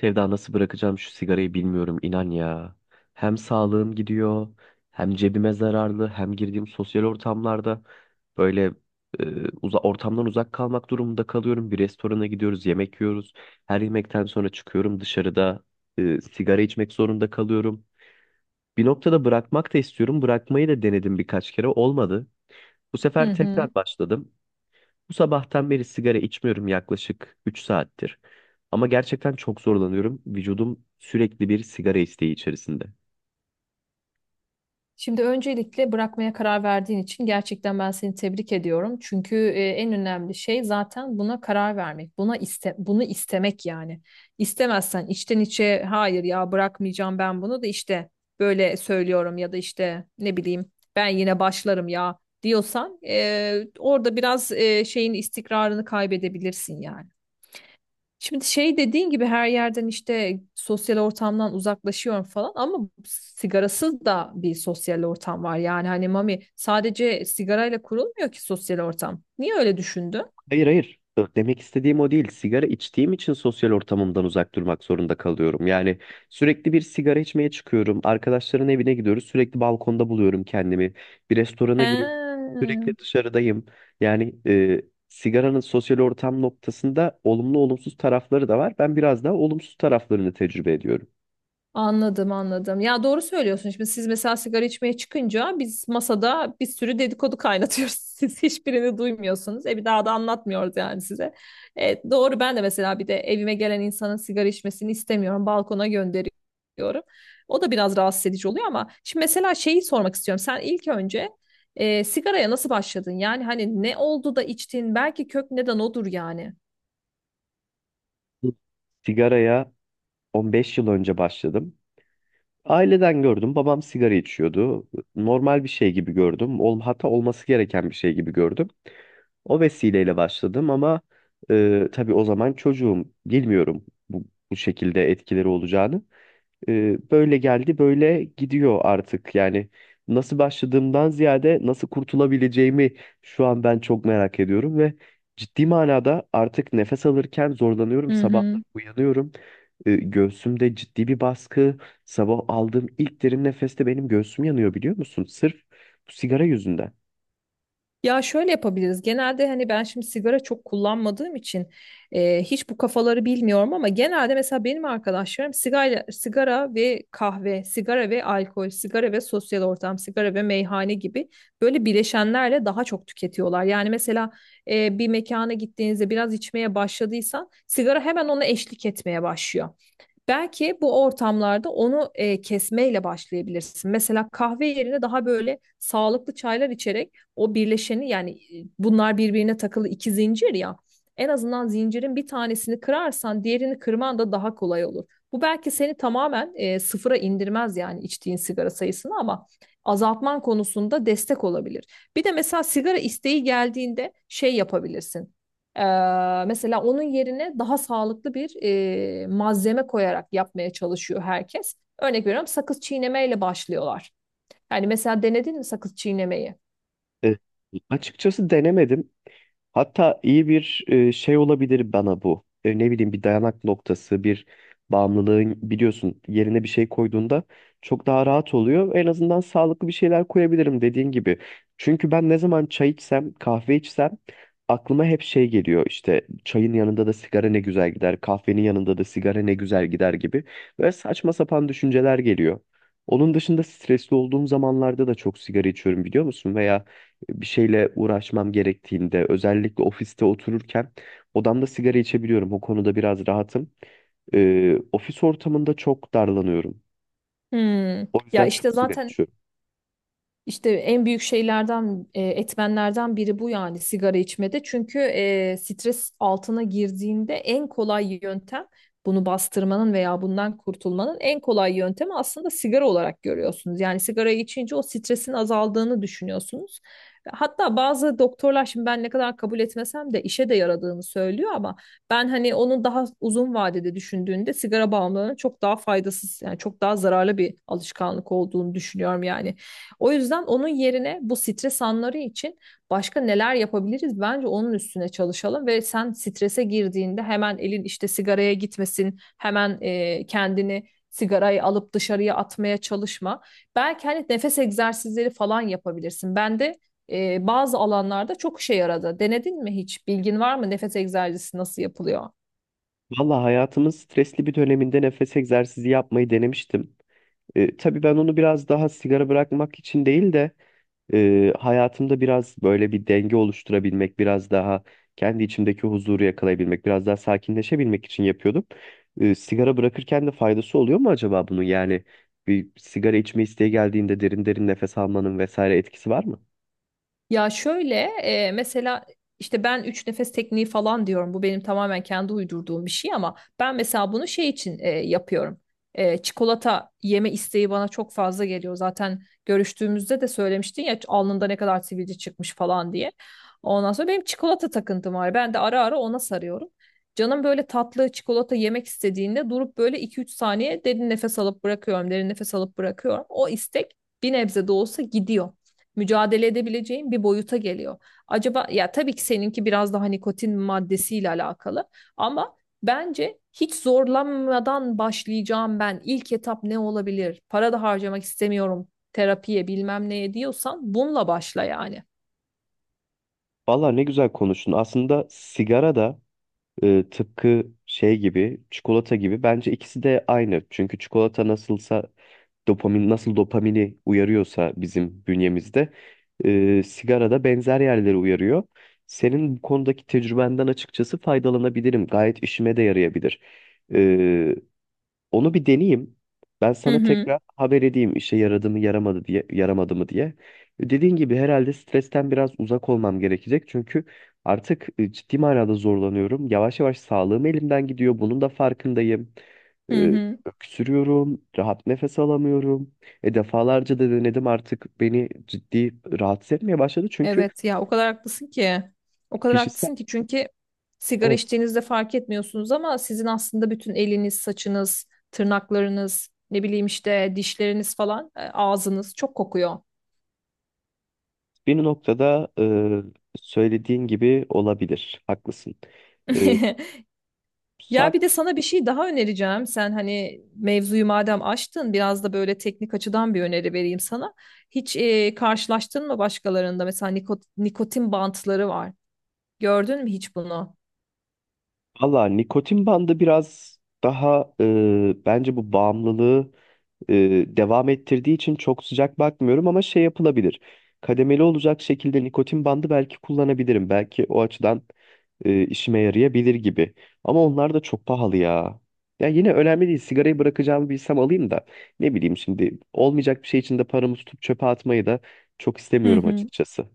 Sevda nasıl bırakacağım şu sigarayı bilmiyorum inan ya. Hem sağlığım gidiyor, hem cebime zararlı, hem girdiğim sosyal ortamlarda böyle e, uza ortamdan uzak kalmak durumunda kalıyorum. Bir restorana gidiyoruz, yemek yiyoruz. Her yemekten sonra çıkıyorum dışarıda, sigara içmek zorunda kalıyorum. Bir noktada bırakmak da istiyorum. Bırakmayı da denedim, birkaç kere olmadı. Bu Hı sefer tekrar hı. başladım. Bu sabahtan beri sigara içmiyorum, yaklaşık 3 saattir. Ama gerçekten çok zorlanıyorum. Vücudum sürekli bir sigara isteği içerisinde. Şimdi öncelikle bırakmaya karar verdiğin için gerçekten ben seni tebrik ediyorum. Çünkü en önemli şey zaten buna karar vermek. Buna iste bunu istemek yani. İstemezsen içten içe hayır ya bırakmayacağım ben bunu da işte böyle söylüyorum ya da işte ne bileyim ben yine başlarım ya diyorsan, orada biraz şeyin istikrarını kaybedebilirsin yani. Şimdi şey dediğin gibi her yerden işte sosyal ortamdan uzaklaşıyorum falan ama sigarasız da bir sosyal ortam var. Yani hani mami sadece sigarayla kurulmuyor ki sosyal ortam. Niye öyle düşündün? Hayır hayır. Demek istediğim o değil. Sigara içtiğim için sosyal ortamımdan uzak durmak zorunda kalıyorum. Yani sürekli bir sigara içmeye çıkıyorum. Arkadaşların evine gidiyoruz. Sürekli balkonda buluyorum kendimi. Bir restorana giriyorum. He. Sürekli dışarıdayım. Yani e, Sigaranın sosyal ortam noktasında olumlu olumsuz tarafları da var. Ben biraz daha olumsuz taraflarını tecrübe ediyorum. Anladım anladım. Ya doğru söylüyorsun. Şimdi siz mesela sigara içmeye çıkınca biz masada bir sürü dedikodu kaynatıyoruz. Siz hiçbirini duymuyorsunuz. E bir daha da anlatmıyoruz yani size. E, doğru ben de mesela bir de evime gelen insanın sigara içmesini istemiyorum. Balkona gönderiyorum. O da biraz rahatsız edici oluyor ama şimdi mesela şeyi sormak istiyorum. Sen ilk önce sigaraya nasıl başladın? Yani hani ne oldu da içtin? Belki kök neden odur yani. Sigaraya 15 yıl önce başladım. Aileden gördüm. Babam sigara içiyordu. Normal bir şey gibi gördüm. Hatta olması gereken bir şey gibi gördüm. O vesileyle başladım ama tabii o zaman çocuğum. Bilmiyorum bu şekilde etkileri olacağını, böyle geldi böyle gidiyor artık. Yani nasıl başladığımdan ziyade nasıl kurtulabileceğimi şu an ben çok merak ediyorum ve ciddi manada artık nefes alırken zorlanıyorum. Hı Sabahları hı. uyanıyorum. Göğsümde ciddi bir baskı. Sabah aldığım ilk derin nefeste benim göğsüm yanıyor biliyor musun? Sırf bu sigara yüzünden. Ya şöyle yapabiliriz. Genelde hani ben şimdi sigara çok kullanmadığım için hiç bu kafaları bilmiyorum ama genelde mesela benim arkadaşlarım sigara, sigara ve kahve, sigara ve alkol, sigara ve sosyal ortam, sigara ve meyhane gibi böyle bileşenlerle daha çok tüketiyorlar. Yani mesela, bir mekana gittiğinizde biraz içmeye başladıysan sigara hemen ona eşlik etmeye başlıyor. Belki bu ortamlarda onu kesmeyle başlayabilirsin. Mesela kahve yerine daha böyle sağlıklı çaylar içerek o birleşeni yani, bunlar birbirine takılı iki zincir ya. En azından zincirin bir tanesini kırarsan diğerini kırman da daha kolay olur. Bu belki seni tamamen, sıfıra indirmez yani içtiğin sigara sayısını ama azaltman konusunda destek olabilir. Bir de mesela sigara isteği geldiğinde şey yapabilirsin. Mesela onun yerine daha sağlıklı bir malzeme koyarak yapmaya çalışıyor herkes. Örnek veriyorum sakız çiğnemeyle başlıyorlar. Yani mesela denedin mi sakız çiğnemeyi? E, Açıkçası denemedim. Hatta iyi bir şey olabilir bana bu. Ne bileyim, bir dayanak noktası, bir bağımlılığın biliyorsun yerine bir şey koyduğunda çok daha rahat oluyor. En azından sağlıklı bir şeyler koyabilirim dediğin gibi. Çünkü ben ne zaman çay içsem, kahve içsem aklıma hep şey geliyor. İşte çayın yanında da sigara ne güzel gider, kahvenin yanında da sigara ne güzel gider gibi. Böyle saçma sapan düşünceler geliyor. Onun dışında stresli olduğum zamanlarda da çok sigara içiyorum, biliyor musun? Veya bir şeyle uğraşmam gerektiğinde, özellikle ofiste otururken odamda sigara içebiliyorum. O konuda biraz rahatım. Ofis ortamında çok darlanıyorum. Hmm. O Ya yüzden işte çok sigara zaten içiyorum. İşte en büyük şeylerden, etmenlerden biri bu yani sigara içmede. Çünkü, stres altına girdiğinde en kolay yöntem bunu bastırmanın veya bundan kurtulmanın en kolay yöntemi aslında sigara olarak görüyorsunuz. Yani sigarayı içince o stresin azaldığını düşünüyorsunuz. Hatta bazı doktorlar şimdi ben ne kadar kabul etmesem de işe de yaradığını söylüyor ama ben hani onun daha uzun vadede düşündüğünde sigara bağımlılığının çok daha faydasız yani çok daha zararlı bir alışkanlık olduğunu düşünüyorum yani. O yüzden onun yerine bu stres anları için başka neler yapabiliriz? Bence onun üstüne çalışalım ve sen strese girdiğinde hemen elin işte sigaraya gitmesin, hemen, kendini sigarayı alıp dışarıya atmaya çalışma. Belki hani nefes egzersizleri falan yapabilirsin. Ben de bazı alanlarda çok işe yaradı. Denedin mi hiç? Bilgin var mı? Nefes egzersizi nasıl yapılıyor? Valla hayatımın stresli bir döneminde nefes egzersizi yapmayı denemiştim. Tabii ben onu biraz daha sigara bırakmak için değil de, hayatımda biraz böyle bir denge oluşturabilmek, biraz daha kendi içimdeki huzuru yakalayabilmek, biraz daha sakinleşebilmek için yapıyordum. Sigara bırakırken de faydası oluyor mu acaba bunun? Yani bir sigara içme isteği geldiğinde derin derin nefes almanın vesaire etkisi var mı? Ya şöyle, mesela işte ben üç nefes tekniği falan diyorum. Bu benim tamamen kendi uydurduğum bir şey ama ben mesela bunu şey için yapıyorum. E, çikolata yeme isteği bana çok fazla geliyor. Zaten görüştüğümüzde de söylemiştin ya alnında ne kadar sivilce çıkmış falan diye. Ondan sonra benim çikolata takıntım var. Ben de ara ara ona sarıyorum. Canım böyle tatlı çikolata yemek istediğinde durup böyle iki üç saniye derin nefes alıp bırakıyorum, derin nefes alıp bırakıyorum. O istek bir nebze de olsa gidiyor, mücadele edebileceğin bir boyuta geliyor. Acaba, ya tabii ki seninki biraz daha nikotin maddesiyle alakalı ama bence hiç zorlanmadan başlayacağım ben. İlk etap ne olabilir? Para da harcamak istemiyorum terapiye bilmem neye diyorsan bununla başla yani. Valla ne güzel konuştun. Aslında sigara da, tıpkı şey gibi, çikolata gibi, bence ikisi de aynı. Çünkü çikolata nasılsa, dopamin nasıl dopamini uyarıyorsa bizim bünyemizde, sigara da benzer yerleri uyarıyor. Senin bu konudaki tecrübenden açıkçası faydalanabilirim. Gayet işime de yarayabilir. Onu bir deneyeyim. Ben Hı sana hı tekrar haber edeyim işe yaradı mı yaramadı diye, yaramadı mı diye. Dediğin gibi herhalde stresten biraz uzak olmam gerekecek. Çünkü artık, ciddi manada zorlanıyorum. Yavaş yavaş sağlığım elimden gidiyor. Bunun da farkındayım. hı E, hı. Öksürüyorum, rahat nefes alamıyorum. Defalarca da denedim, artık beni ciddi rahatsız etmeye başladı. Çünkü Evet ya o kadar haklısın ki. O kadar kişisel, haklısın ki çünkü sigara evet, içtiğinizde fark etmiyorsunuz ama sizin aslında bütün eliniz, saçınız, tırnaklarınız, ne bileyim işte dişleriniz falan, ağzınız çok kokuyor. bir noktada, söylediğin gibi olabilir. Haklısın. E, Ya sak- bir de sana bir şey daha önereceğim. Sen hani mevzuyu madem açtın biraz da böyle teknik açıdan bir öneri vereyim sana. Hiç, karşılaştın mı başkalarında? Mesela nikotin bantları var. Gördün mü hiç bunu? Valla nikotin bandı biraz daha, bence bu bağımlılığı e, devam ettirdiği için çok sıcak bakmıyorum ama şey yapılabilir. Kademeli olacak şekilde nikotin bandı belki kullanabilirim. Belki o açıdan, işime yarayabilir gibi. Ama onlar da çok pahalı ya. Ya yine önemli değil. Sigarayı bırakacağımı bilsem alayım da, ne bileyim, şimdi olmayacak bir şey için de paramı tutup çöpe atmayı da çok Hı istemiyorum hı. açıkçası.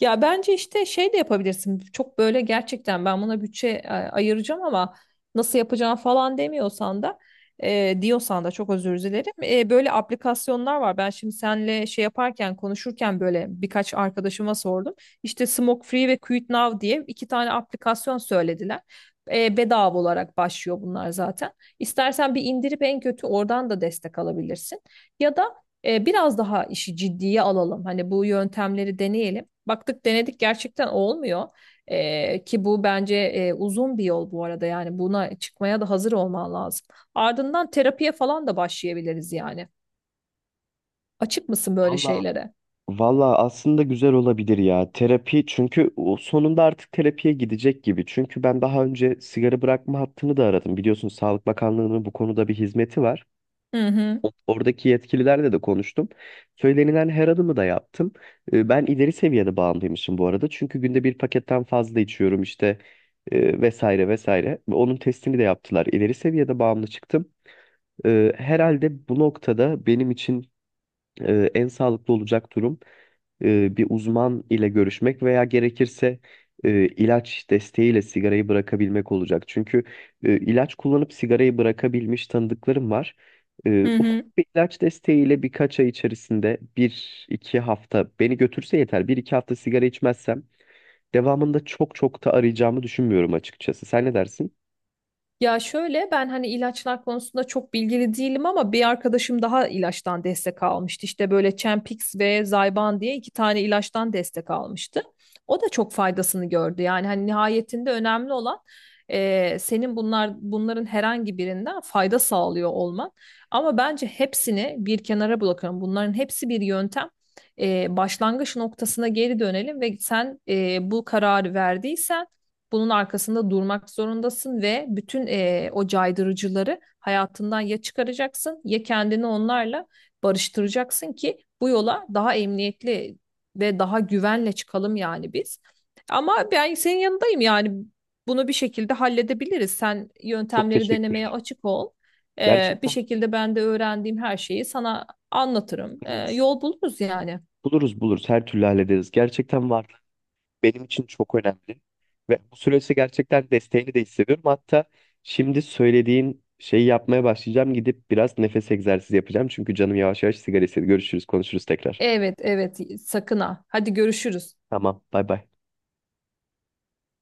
Ya bence işte şey de yapabilirsin. Çok böyle gerçekten ben buna bütçe, ayıracağım ama nasıl yapacağım falan demiyorsan da, diyorsan da çok özür dilerim. E, böyle aplikasyonlar var. Ben şimdi senle şey yaparken konuşurken böyle birkaç arkadaşıma sordum. İşte Smoke Free ve Quit Now diye iki tane aplikasyon söylediler. E, bedava olarak başlıyor bunlar zaten. İstersen bir indirip en kötü oradan da destek alabilirsin. Ya da, biraz daha işi ciddiye alalım. Hani bu yöntemleri deneyelim. Baktık denedik gerçekten olmuyor. Ki bu bence, uzun bir yol bu arada yani buna çıkmaya da hazır olman lazım. Ardından terapiye falan da başlayabiliriz yani. Açık mısın böyle Valla şeylere? Valla aslında güzel olabilir ya. Terapi, çünkü o sonunda artık terapiye gidecek gibi. Çünkü ben daha önce sigara bırakma hattını da aradım. Biliyorsun Sağlık Bakanlığı'nın bu konuda bir hizmeti var. Hı hı. Oradaki yetkililerle de konuştum. Söylenilen her adımı da yaptım. Ben ileri seviyede bağımlıymışım bu arada. Çünkü günde bir paketten fazla içiyorum işte, vesaire vesaire. Ve onun testini de yaptılar. İleri seviyede bağımlı çıktım. Herhalde bu noktada benim için, en sağlıklı olacak durum, bir uzman ile görüşmek veya gerekirse, ilaç desteğiyle sigarayı bırakabilmek olacak. Çünkü, ilaç kullanıp sigarayı bırakabilmiş tanıdıklarım var. Hı Ufak hı. bir ilaç desteğiyle birkaç ay içerisinde bir iki hafta beni götürse yeter. Bir iki hafta sigara içmezsem devamında çok çok da arayacağımı düşünmüyorum açıkçası. Sen ne dersin? Ya şöyle ben hani ilaçlar konusunda çok bilgili değilim ama bir arkadaşım daha ilaçtan destek almıştı. İşte böyle Champix ve Zyban diye iki tane ilaçtan destek almıştı. O da çok faydasını gördü. Yani hani nihayetinde önemli olan senin bunların herhangi birinden fayda sağlıyor olman. Ama bence hepsini bir kenara bırakalım. Bunların hepsi bir yöntem. Başlangıç noktasına geri dönelim ve sen, bu kararı verdiysen bunun arkasında durmak zorundasın ve bütün o caydırıcıları hayatından ya çıkaracaksın ya kendini onlarla barıştıracaksın ki bu yola daha emniyetli ve daha güvenle çıkalım yani biz. Ama ben senin yanındayım yani bunu bir şekilde halledebiliriz. Sen Çok yöntemleri teşekkür denemeye ederim. açık ol. Bir Gerçekten şekilde ben de öğrendiğim her şeyi sana anlatırım. Evet. Yol buluruz yani. Buluruz buluruz, her türlü hallederiz. Gerçekten var. Benim için çok önemli. Ve bu süreçte gerçekten desteğini de hissediyorum. Hatta şimdi söylediğin şeyi yapmaya başlayacağım. Gidip biraz nefes egzersizi yapacağım. Çünkü canım yavaş yavaş sigara istedi. Görüşürüz, konuşuruz tekrar. Evet, evet, sakın ha. Hadi görüşürüz. Tamam, bay bay.